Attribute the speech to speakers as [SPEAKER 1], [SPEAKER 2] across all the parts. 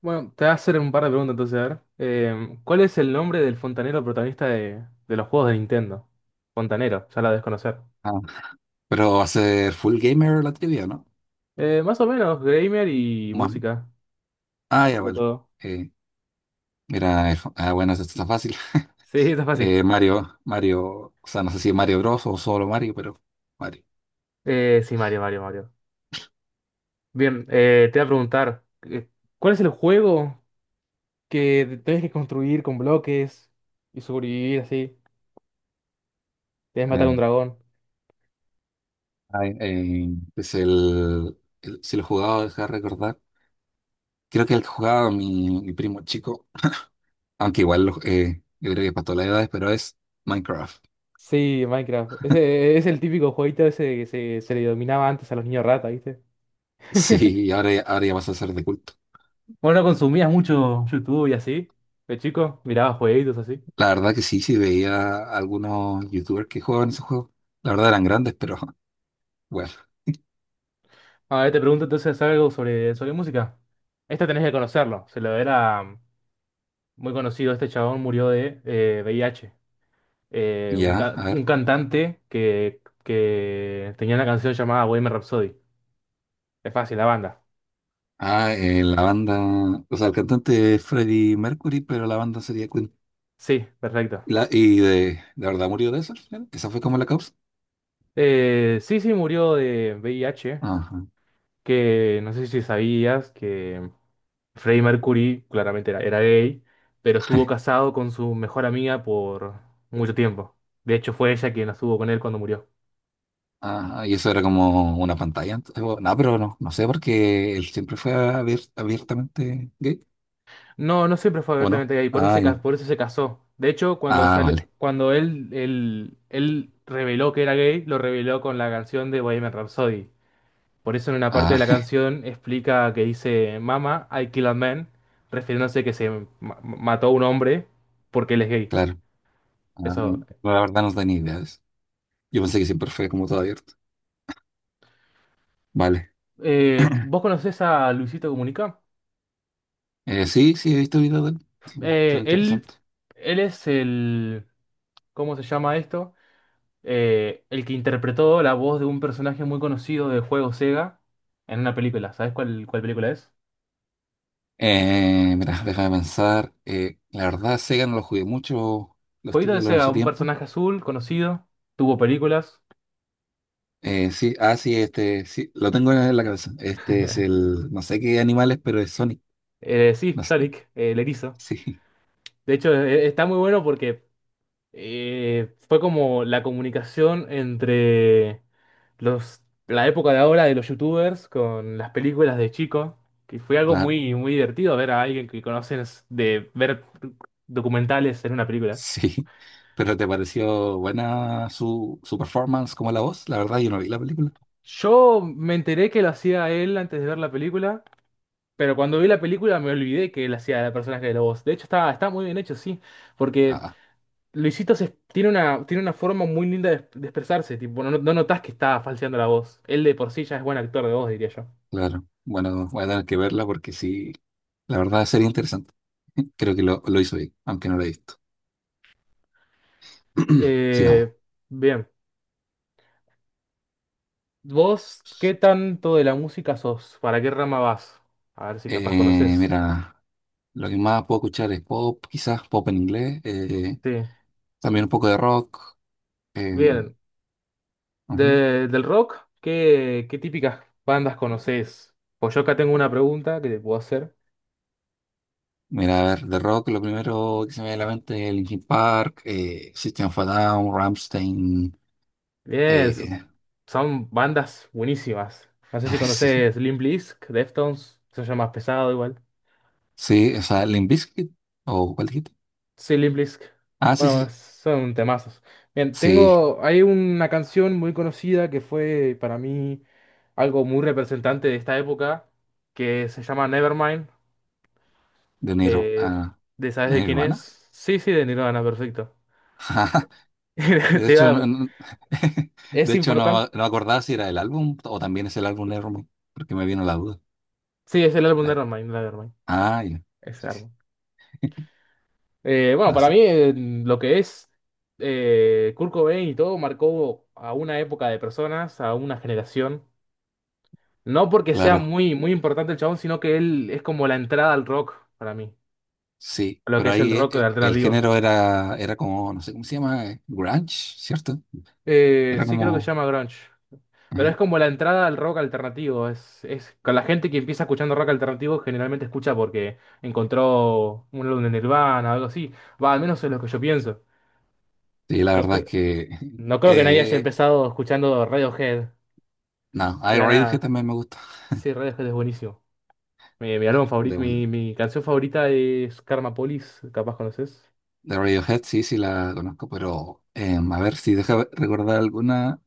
[SPEAKER 1] Bueno, te voy a hacer un par de preguntas entonces, a ver. ¿Cuál es el nombre del fontanero protagonista de los juegos de Nintendo? Fontanero, ya la debes conocer.
[SPEAKER 2] Ah, pero va a ser full gamer la trivia, ¿no?
[SPEAKER 1] Más o menos, gamer y
[SPEAKER 2] Más-
[SPEAKER 1] música.
[SPEAKER 2] ah,
[SPEAKER 1] Un
[SPEAKER 2] ya
[SPEAKER 1] poco de
[SPEAKER 2] vale.
[SPEAKER 1] todo.
[SPEAKER 2] Eh, mira, bueno, esto está fácil.
[SPEAKER 1] Sí, está fácil.
[SPEAKER 2] Mario, o sea, no sé si Mario Bros o solo Mario, pero Mario.
[SPEAKER 1] Sí, Mario, Mario. Bien, te voy a preguntar, ¿cuál es el juego que tenés que construir con bloques y sobrevivir así? Tenés que matar a un
[SPEAKER 2] Eh,
[SPEAKER 1] dragón.
[SPEAKER 2] ay, eh, es si lo jugaba, deja de recordar. Creo que el que jugaba mi primo chico, aunque yo creo que para todas las edades, pero es Minecraft.
[SPEAKER 1] Sí, Minecraft. Ese es el típico jueguito ese se le dominaba antes a los niños rata, ¿viste?
[SPEAKER 2] Sí, ahora, ahora ya vas a ser de culto.
[SPEAKER 1] Bueno, consumías mucho YouTube y así, de chico, mirabas jueguitos así.
[SPEAKER 2] La verdad que sí, sí veía algunos youtubers que jugaban ese juego. La verdad eran grandes, pero bueno.
[SPEAKER 1] A ver, te pregunto entonces algo sobre música. Este tenés que conocerlo, se lo era muy conocido, este chabón murió de VIH. Eh, un,
[SPEAKER 2] Ya,
[SPEAKER 1] ca-
[SPEAKER 2] a ver.
[SPEAKER 1] un cantante que tenía una canción llamada Bohemian Rhapsody. Es fácil, la banda.
[SPEAKER 2] La banda, o sea, el cantante es Freddie Mercury, pero la banda sería Queen.
[SPEAKER 1] Sí, perfecto.
[SPEAKER 2] ¿Y, de verdad murió de eso al final? ¿Esa fue como la causa?
[SPEAKER 1] Sí, murió de VIH,
[SPEAKER 2] Ajá.
[SPEAKER 1] que no sé si sabías que... Freddie Mercury claramente era gay, pero estuvo casado con su mejor amiga por mucho tiempo. De hecho, fue ella quien estuvo con él cuando murió.
[SPEAKER 2] Ajá, y eso era como una pantalla antes, o- no, pero no, no sé, porque él siempre fue abiertamente gay,
[SPEAKER 1] No, no siempre fue
[SPEAKER 2] ¿o no?
[SPEAKER 1] abiertamente gay, por eso
[SPEAKER 2] Ah, ya.
[SPEAKER 1] por eso se casó. De hecho, cuando,
[SPEAKER 2] Ah,
[SPEAKER 1] sale,
[SPEAKER 2] vale.
[SPEAKER 1] cuando él reveló que era gay, lo reveló con la canción de Bohemian Rhapsody. Por eso en una parte de
[SPEAKER 2] Ah,
[SPEAKER 1] la canción explica que dice, Mama, I kill a man, refiriéndose que mató a un hombre porque él es gay.
[SPEAKER 2] claro. Ah,
[SPEAKER 1] Eso.
[SPEAKER 2] no, la verdad no tenía ideas. Yo pensé que siempre fue como todo abierto. Vale.
[SPEAKER 1] ¿Vos conocés a Luisito Comunica?
[SPEAKER 2] Sí, sí, he visto videos de él. Son,
[SPEAKER 1] Eh,
[SPEAKER 2] son
[SPEAKER 1] él,
[SPEAKER 2] interesantes.
[SPEAKER 1] él es ¿cómo se llama esto? El que interpretó la voz de un personaje muy conocido de juego Sega en una película. ¿Sabes cuál película es?
[SPEAKER 2] Mira, déjame pensar. La verdad, Sega no lo jugué mucho los
[SPEAKER 1] Jueguito de
[SPEAKER 2] títulos en
[SPEAKER 1] Sega,
[SPEAKER 2] su
[SPEAKER 1] un
[SPEAKER 2] tiempo.
[SPEAKER 1] personaje azul conocido, tuvo películas.
[SPEAKER 2] Lo tengo en la cabeza. Este es el, no sé qué animales, pero es Sonic.
[SPEAKER 1] Sí,
[SPEAKER 2] No s-
[SPEAKER 1] Sonic, el erizo.
[SPEAKER 2] sí,
[SPEAKER 1] De hecho, está muy bueno porque fue como la comunicación entre la época de ahora de los youtubers con las películas de chico, que fue algo
[SPEAKER 2] claro,
[SPEAKER 1] muy divertido ver a alguien que conoces de ver documentales en una película.
[SPEAKER 2] sí. Pero ¿te pareció buena su performance como la voz? La verdad, yo no vi la película.
[SPEAKER 1] Yo me enteré que lo hacía él antes de ver la película, pero cuando vi la película me olvidé que él hacía el personaje de la voz. De hecho, está muy bien hecho, sí, porque
[SPEAKER 2] Ah,
[SPEAKER 1] Luisito tiene una forma muy linda de expresarse, tipo, no notas que está falseando la voz. Él de por sí ya es buen actor de voz, diría yo.
[SPEAKER 2] claro. Bueno, voy a tener que verla porque sí, la verdad sería interesante. Creo que lo hizo bien, aunque no lo he visto. Sigamos.
[SPEAKER 1] Eh, Bien. ¿Vos qué tanto de la música sos? ¿Para qué rama vas? A ver si capaz conoces.
[SPEAKER 2] Mira. Lo que más puedo escuchar es pop, quizás pop en inglés,
[SPEAKER 1] Sí.
[SPEAKER 2] también un poco de rock. eh,
[SPEAKER 1] Bien.
[SPEAKER 2] ujú.
[SPEAKER 1] Del rock, ¿qué típicas bandas conoces? Pues yo acá tengo una pregunta que te puedo hacer.
[SPEAKER 2] Mira, a ver, de rock lo primero que se me viene a la mente es Linkin Park, System of a Down, Rammstein.
[SPEAKER 1] Bien, so-
[SPEAKER 2] eh,
[SPEAKER 1] son bandas buenísimas. No sé si
[SPEAKER 2] sí,
[SPEAKER 1] conoces Limp Bizkit, Deftones, eso ya más pesado igual.
[SPEAKER 2] sí, o sea, Limp Bizkit, ¿o cuál dijiste?
[SPEAKER 1] Sí, Limp.
[SPEAKER 2] Ah, sí,
[SPEAKER 1] Bueno,
[SPEAKER 2] sí,
[SPEAKER 1] son temazos. Bien,
[SPEAKER 2] sí,
[SPEAKER 1] tengo. Hay una canción muy conocida que fue para mí algo muy representante de esta época, que se llama Nevermind.
[SPEAKER 2] de, Nir-
[SPEAKER 1] eh,
[SPEAKER 2] ah,
[SPEAKER 1] ¿de sabes
[SPEAKER 2] de
[SPEAKER 1] de quién
[SPEAKER 2] Nirvana.
[SPEAKER 1] es? Sí, sí, de Nirvana, perfecto.
[SPEAKER 2] De
[SPEAKER 1] Te iba
[SPEAKER 2] hecho,
[SPEAKER 1] a-
[SPEAKER 2] de
[SPEAKER 1] Es
[SPEAKER 2] hecho
[SPEAKER 1] importante.
[SPEAKER 2] no, no acordaba si era el álbum o también es el álbum de Nirvana, porque me vino la duda.
[SPEAKER 1] Sí, es el álbum de
[SPEAKER 2] Eh,
[SPEAKER 1] Nevermind.
[SPEAKER 2] Ah, ya.
[SPEAKER 1] Ese
[SPEAKER 2] Sí, sí.
[SPEAKER 1] álbum. Bueno, para mí
[SPEAKER 2] Así,
[SPEAKER 1] lo que es Kurt Cobain y todo marcó a una época de personas, a una generación. No porque sea
[SPEAKER 2] claro,
[SPEAKER 1] muy importante el chabón, sino que él es como la entrada al rock para mí.
[SPEAKER 2] sí.
[SPEAKER 1] A lo que
[SPEAKER 2] Pero
[SPEAKER 1] es el
[SPEAKER 2] ahí
[SPEAKER 1] rock
[SPEAKER 2] el
[SPEAKER 1] alternativo.
[SPEAKER 2] género era, era como, no sé cómo se llama, grunge, ¿cierto? Era
[SPEAKER 1] Sí, creo que se
[SPEAKER 2] como...
[SPEAKER 1] llama grunge. Pero
[SPEAKER 2] ujú.
[SPEAKER 1] es como la entrada al rock alternativo. Es con la gente que empieza escuchando rock alternativo, generalmente escucha porque encontró un álbum de Nirvana o algo así. Va, al menos es lo que yo pienso.
[SPEAKER 2] Sí, la
[SPEAKER 1] No,
[SPEAKER 2] verdad es
[SPEAKER 1] cre-
[SPEAKER 2] que...
[SPEAKER 1] no creo que nadie haya
[SPEAKER 2] eh,
[SPEAKER 1] empezado escuchando Radiohead
[SPEAKER 2] no,
[SPEAKER 1] de
[SPEAKER 2] hay
[SPEAKER 1] la
[SPEAKER 2] Radiohead
[SPEAKER 1] nada.
[SPEAKER 2] también me gusta.
[SPEAKER 1] Sí, Radiohead es buenísimo. Mi álbum
[SPEAKER 2] De,
[SPEAKER 1] favorito,
[SPEAKER 2] vuelta.
[SPEAKER 1] mi canción favorita es Karma Police, capaz conoces.
[SPEAKER 2] De Radiohead sí, sí la conozco, pero em, a ver si deja recordar alguna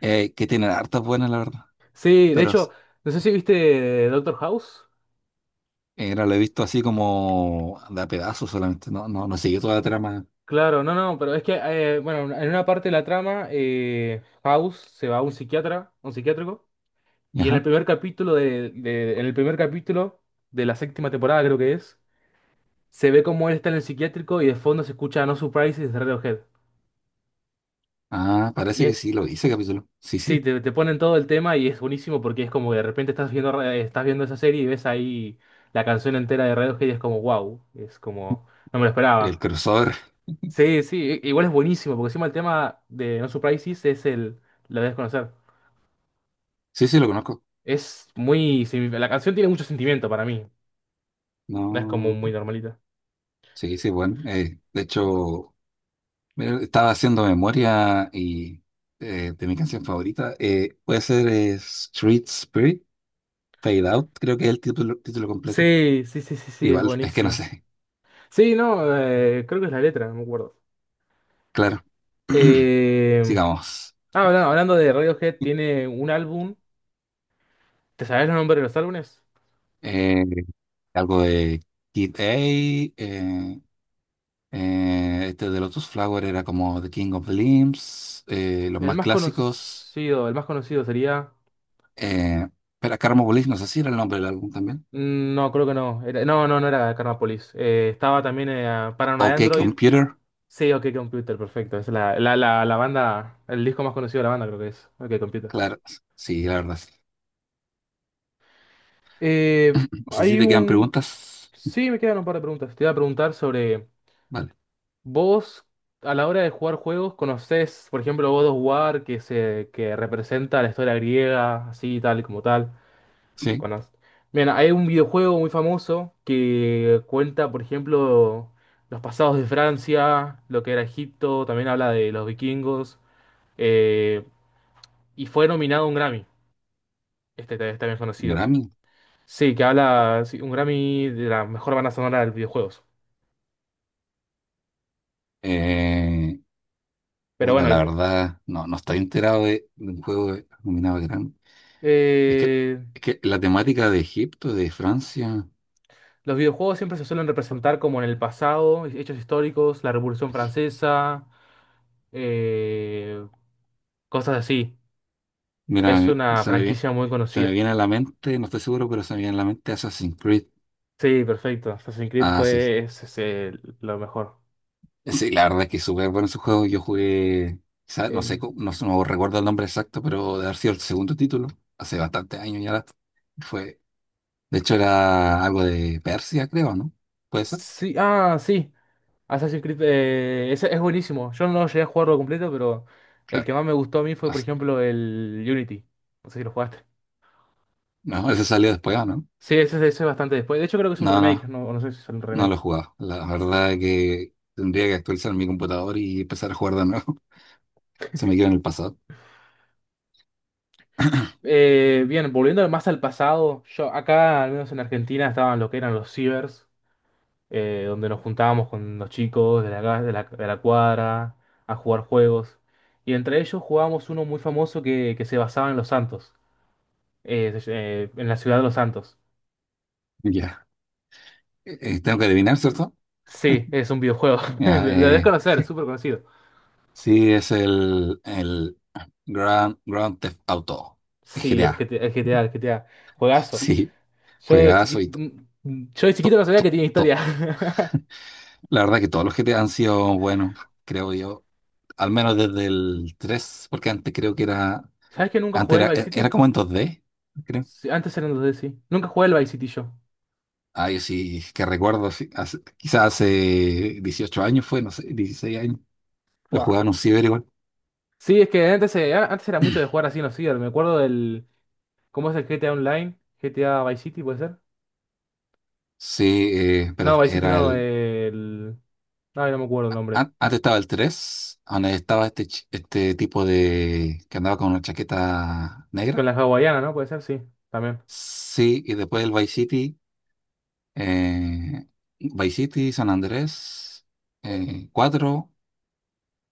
[SPEAKER 2] que tiene hartas buenas, la verdad.
[SPEAKER 1] Sí, de
[SPEAKER 2] Pero
[SPEAKER 1] hecho, no sé si viste Doctor House.
[SPEAKER 2] era, lo he visto así como de a pedazos solamente, no, no, no siguió toda la trama.
[SPEAKER 1] Claro, no, no, pero es que, bueno, en una parte de la trama, House se va a un psiquiatra, un psiquiátrico, y en el
[SPEAKER 2] Ajá.
[SPEAKER 1] primer capítulo en el primer capítulo de la séptima temporada, creo que es, se ve como él está en el psiquiátrico y de fondo se escucha No Surprises de Radiohead.
[SPEAKER 2] Ah,
[SPEAKER 1] Y
[SPEAKER 2] parece que
[SPEAKER 1] es,
[SPEAKER 2] sí, lo hice capítulo. Sí,
[SPEAKER 1] sí,
[SPEAKER 2] sí,
[SPEAKER 1] te ponen todo el tema y es buenísimo porque es como que de repente estás estás viendo esa serie y ves ahí la canción entera de Radiohead y es como, wow, es como, no me lo
[SPEAKER 2] el
[SPEAKER 1] esperaba.
[SPEAKER 2] crossover.
[SPEAKER 1] Sí, igual es buenísimo, porque encima el tema de No Surprises es el... La de desconocer.
[SPEAKER 2] Sí, sí, lo conozco.
[SPEAKER 1] Es muy... sí, la canción tiene mucho sentimiento para mí. No es como
[SPEAKER 2] No,
[SPEAKER 1] muy normalita.
[SPEAKER 2] sí, sí, bueno. De hecho, mira, estaba haciendo memoria y de mi canción favorita. Puede ser Street Spirit, Fade Out, creo que es el título, título completo.
[SPEAKER 1] Sí, es
[SPEAKER 2] Igual, es que no
[SPEAKER 1] buenísimo.
[SPEAKER 2] sé.
[SPEAKER 1] Sí, no, creo que es la letra, no me acuerdo.
[SPEAKER 2] Claro.
[SPEAKER 1] Eh,
[SPEAKER 2] Sigamos.
[SPEAKER 1] Hablando de Radiohead, tiene un álbum. ¿Te sabes los nombres de los álbumes?
[SPEAKER 2] Eh, algo de Kid A. Este de Lotus Flower era como The King of the Limbs. Los más clásicos.
[SPEAKER 1] El más conocido sería...
[SPEAKER 2] Eh, pero Karma Police, no sé si era el nombre del álbum también.
[SPEAKER 1] No, creo que no. No, no era Carnapolis. Estaba también Paranoid
[SPEAKER 2] OK
[SPEAKER 1] Android.
[SPEAKER 2] Computer.
[SPEAKER 1] Sí, OK Computer, perfecto. Es la banda, el disco más conocido de la banda creo que es OK Computer.
[SPEAKER 2] Claro, sí, la verdad. Sí.
[SPEAKER 1] Eh,
[SPEAKER 2] No sé si
[SPEAKER 1] hay
[SPEAKER 2] te quedan
[SPEAKER 1] un...
[SPEAKER 2] preguntas.
[SPEAKER 1] Sí, me quedan un par de preguntas. Te iba a preguntar sobre
[SPEAKER 2] Vale,
[SPEAKER 1] vos, a la hora de jugar juegos, ¿conocés, por ejemplo, God of War, que representa la historia griega, así, tal, como tal?
[SPEAKER 2] sí,
[SPEAKER 1] Cono- Bien, hay un videojuego muy famoso que cuenta, por ejemplo, los pasados de Francia, lo que era Egipto, también habla de los vikingos, eh, y fue nominado a un Grammy. También es conocido.
[SPEAKER 2] Grammy.
[SPEAKER 1] Sí, que habla sí, un Grammy de la mejor banda sonora de los videojuegos.
[SPEAKER 2] Eh,
[SPEAKER 1] Pero
[SPEAKER 2] bueno,
[SPEAKER 1] bueno,
[SPEAKER 2] la
[SPEAKER 1] el-
[SPEAKER 2] verdad, no, no estoy enterado de un juego nominado a Grammy. Es que,
[SPEAKER 1] eh,
[SPEAKER 2] es que la temática de Egipto, de Francia,
[SPEAKER 1] los videojuegos siempre se suelen representar como en el pasado, hechos históricos, la Revolución Francesa, eh, cosas así. Es
[SPEAKER 2] mira,
[SPEAKER 1] una
[SPEAKER 2] se me viene,
[SPEAKER 1] franquicia muy
[SPEAKER 2] se me
[SPEAKER 1] conocida.
[SPEAKER 2] viene a la mente, no estoy seguro, pero se me viene a la mente Assassin's Creed.
[SPEAKER 1] Sí, perfecto. Assassin's Creed
[SPEAKER 2] Ah, sí.
[SPEAKER 1] fue es- es el- lo mejor.
[SPEAKER 2] Sí, la verdad es que es súper bueno su juego. Yo jugué, quizá- no
[SPEAKER 1] El-
[SPEAKER 2] sé, cómo- no, no recuerdo el nombre exacto, pero de haber sido el segundo título, hace bastantes años ya. Fue, de hecho, era algo de Persia, creo, ¿no? ¿Puede ser?
[SPEAKER 1] Sí, ah, sí. Assassin's Creed es buenísimo. Yo no llegué a jugarlo completo, pero el
[SPEAKER 2] Claro.
[SPEAKER 1] que más me gustó a mí fue,
[SPEAKER 2] No,
[SPEAKER 1] por ejemplo, el Unity. No sé si lo jugaste.
[SPEAKER 2] no, ese salió después, ¿o no?
[SPEAKER 1] Sí, ese es bastante después. De hecho, creo que es un
[SPEAKER 2] No,
[SPEAKER 1] remake.
[SPEAKER 2] no,
[SPEAKER 1] No, no sé si es un
[SPEAKER 2] no lo he
[SPEAKER 1] remake.
[SPEAKER 2] jugado. La verdad es que tendría que actualizar mi computador y empezar a jugar de nuevo. Se me quedó en el pasado.
[SPEAKER 1] Bien, volviendo más al pasado, yo acá, al menos en Argentina, estaban lo que eran los cibers, donde nos juntábamos con los chicos de la, ca- de la cuadra a jugar juegos. Y entre ellos jugábamos uno muy famoso que se basaba en Los Santos, en la ciudad de Los Santos.
[SPEAKER 2] Ya. Tengo que adivinar, ¿cierto?
[SPEAKER 1] Sí, es un videojuego.
[SPEAKER 2] Ya,
[SPEAKER 1] Lo debes conocer, es súper conocido.
[SPEAKER 2] sí, es el Grand, Grand Theft Auto.
[SPEAKER 1] Sí, el
[SPEAKER 2] GTA.
[SPEAKER 1] GTA, el GTA, el GTA. Juegazo.
[SPEAKER 2] Sí,
[SPEAKER 1] Yo de
[SPEAKER 2] juegazo y
[SPEAKER 1] chiquito,
[SPEAKER 2] todo.
[SPEAKER 1] yo de chiquito no sabía que tenía historia.
[SPEAKER 2] La verdad que todos los GTA han sido buenos, creo yo. Al menos desde el 3, porque antes creo que era.
[SPEAKER 1] ¿Sabes que nunca
[SPEAKER 2] Antes
[SPEAKER 1] jugué el
[SPEAKER 2] era,
[SPEAKER 1] Vice
[SPEAKER 2] e, era
[SPEAKER 1] City?
[SPEAKER 2] como en dos d creo.
[SPEAKER 1] Sí, antes eran 2D, sí. Nunca jugué el Vice City yo.
[SPEAKER 2] Ay, sí, que recuerdo, sí, hace- quizás hace 18 años fue, no sé, 16 años. Lo
[SPEAKER 1] Buah.
[SPEAKER 2] jugaba en un ciber igual.
[SPEAKER 1] Sí, es que antes, antes era mucho de jugar así en los ciber. Me acuerdo del... ¿Cómo es el GTA Online? ¿GTA Vice City puede ser?
[SPEAKER 2] Sí, pero
[SPEAKER 1] No, Vice City
[SPEAKER 2] era
[SPEAKER 1] no,
[SPEAKER 2] el...
[SPEAKER 1] el... Ay, no me acuerdo el nombre.
[SPEAKER 2] Antes estaba el tres, donde estaba este, este tipo de... que andaba con una chaqueta
[SPEAKER 1] Con
[SPEAKER 2] negra.
[SPEAKER 1] la hawaiana, ¿no? Puede ser, sí, también.
[SPEAKER 2] Sí, y después el Vice City, eh, Vice City, San Andrés, 4,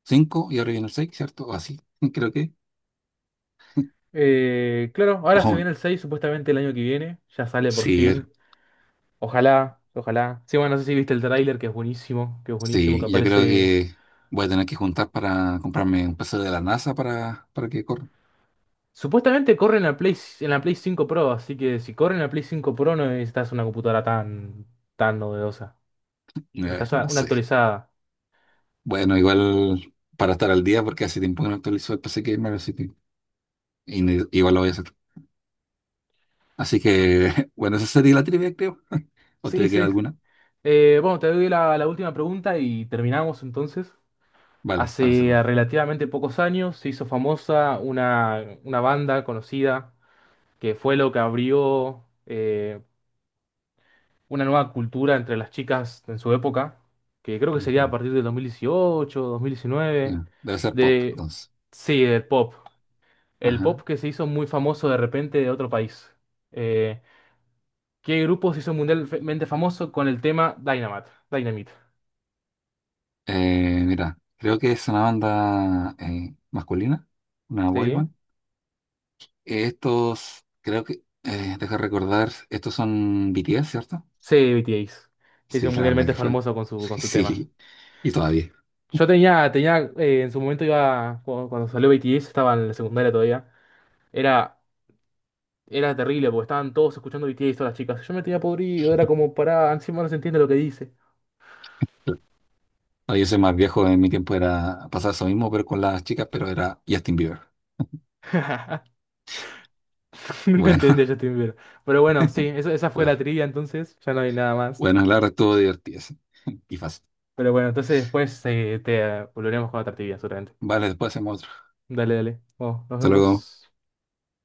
[SPEAKER 2] 5, y ahora viene el 6, ¿cierto? O así, creo que.
[SPEAKER 1] Claro, ahora se
[SPEAKER 2] Ojo,
[SPEAKER 1] viene el 6 supuestamente el año que viene. Ya sale por
[SPEAKER 2] sí,
[SPEAKER 1] fin. Ojalá, ojalá. Sí, bueno, no sé si viste el tráiler, que es buenísimo, que es buenísimo, que
[SPEAKER 2] sí, yo creo
[SPEAKER 1] aparece.
[SPEAKER 2] que voy a tener que juntar para comprarme un PC de la NASA para que corra.
[SPEAKER 1] Supuestamente corre en la Play, en la Play 5 Pro, así que si corre en la Play 5 Pro no necesitas una computadora tan novedosa. Estás
[SPEAKER 2] No
[SPEAKER 1] una
[SPEAKER 2] sé.
[SPEAKER 1] actualizada.
[SPEAKER 2] Bueno, igual para estar al día, porque hace tiempo que no actualizo el PC Gamer, así que igual lo voy a hacer. Así que, bueno, esa sería la trivia, creo. ¿O
[SPEAKER 1] Sí,
[SPEAKER 2] te queda
[SPEAKER 1] sí.
[SPEAKER 2] alguna?
[SPEAKER 1] Bueno, te doy la última pregunta y terminamos entonces.
[SPEAKER 2] Vale, para
[SPEAKER 1] Hace
[SPEAKER 2] cerrar.
[SPEAKER 1] relativamente pocos años se hizo famosa una banda conocida que fue lo que abrió una nueva cultura entre las chicas en su época, que creo que sería a
[SPEAKER 2] Ujú.
[SPEAKER 1] partir del 2018, 2019,
[SPEAKER 2] Ya, debe ser pop,
[SPEAKER 1] de...
[SPEAKER 2] entonces.
[SPEAKER 1] Sí, del pop. El
[SPEAKER 2] Ajá.
[SPEAKER 1] pop que se hizo muy famoso de repente de otro país. Eh, ¿Qué grupo se hizo mundialmente famoso con el tema Dynamite? Dynamite.
[SPEAKER 2] Mira, creo que es una banda masculina, una boy
[SPEAKER 1] Sí.
[SPEAKER 2] band. Estos, creo que, deja recordar, estos son BTS, ¿cierto?
[SPEAKER 1] Sí, BTS. Se hizo
[SPEAKER 2] Sí, la verdad
[SPEAKER 1] mundialmente
[SPEAKER 2] que fue.
[SPEAKER 1] famoso con con su tema.
[SPEAKER 2] Sí, y todavía.
[SPEAKER 1] Yo tenía, en su momento iba, cuando salió BTS, estaba en la secundaria todavía. Era Era terrible porque estaban todos escuchando BTS y todas las chicas. Yo me tenía podrido, era como pará, encima no se entiende lo que dice.
[SPEAKER 2] No, yo soy más viejo, en mi tiempo era pasar eso mismo, pero con las chicas, pero era Justin Bieber.
[SPEAKER 1] Nunca
[SPEAKER 2] Bueno,
[SPEAKER 1] entendí a Justin Bieber. Pero bueno, sí, esa fue la
[SPEAKER 2] bueno,
[SPEAKER 1] trivia entonces, ya no hay nada más.
[SPEAKER 2] bueno, la verdad estuvo divertido sí. y fácil.
[SPEAKER 1] Pero bueno, entonces después te volveremos con otra trivia, seguramente.
[SPEAKER 2] Vale, después hacemos otro.
[SPEAKER 1] Dale, dale. Bueno, nos
[SPEAKER 2] Hasta luego.
[SPEAKER 1] vemos.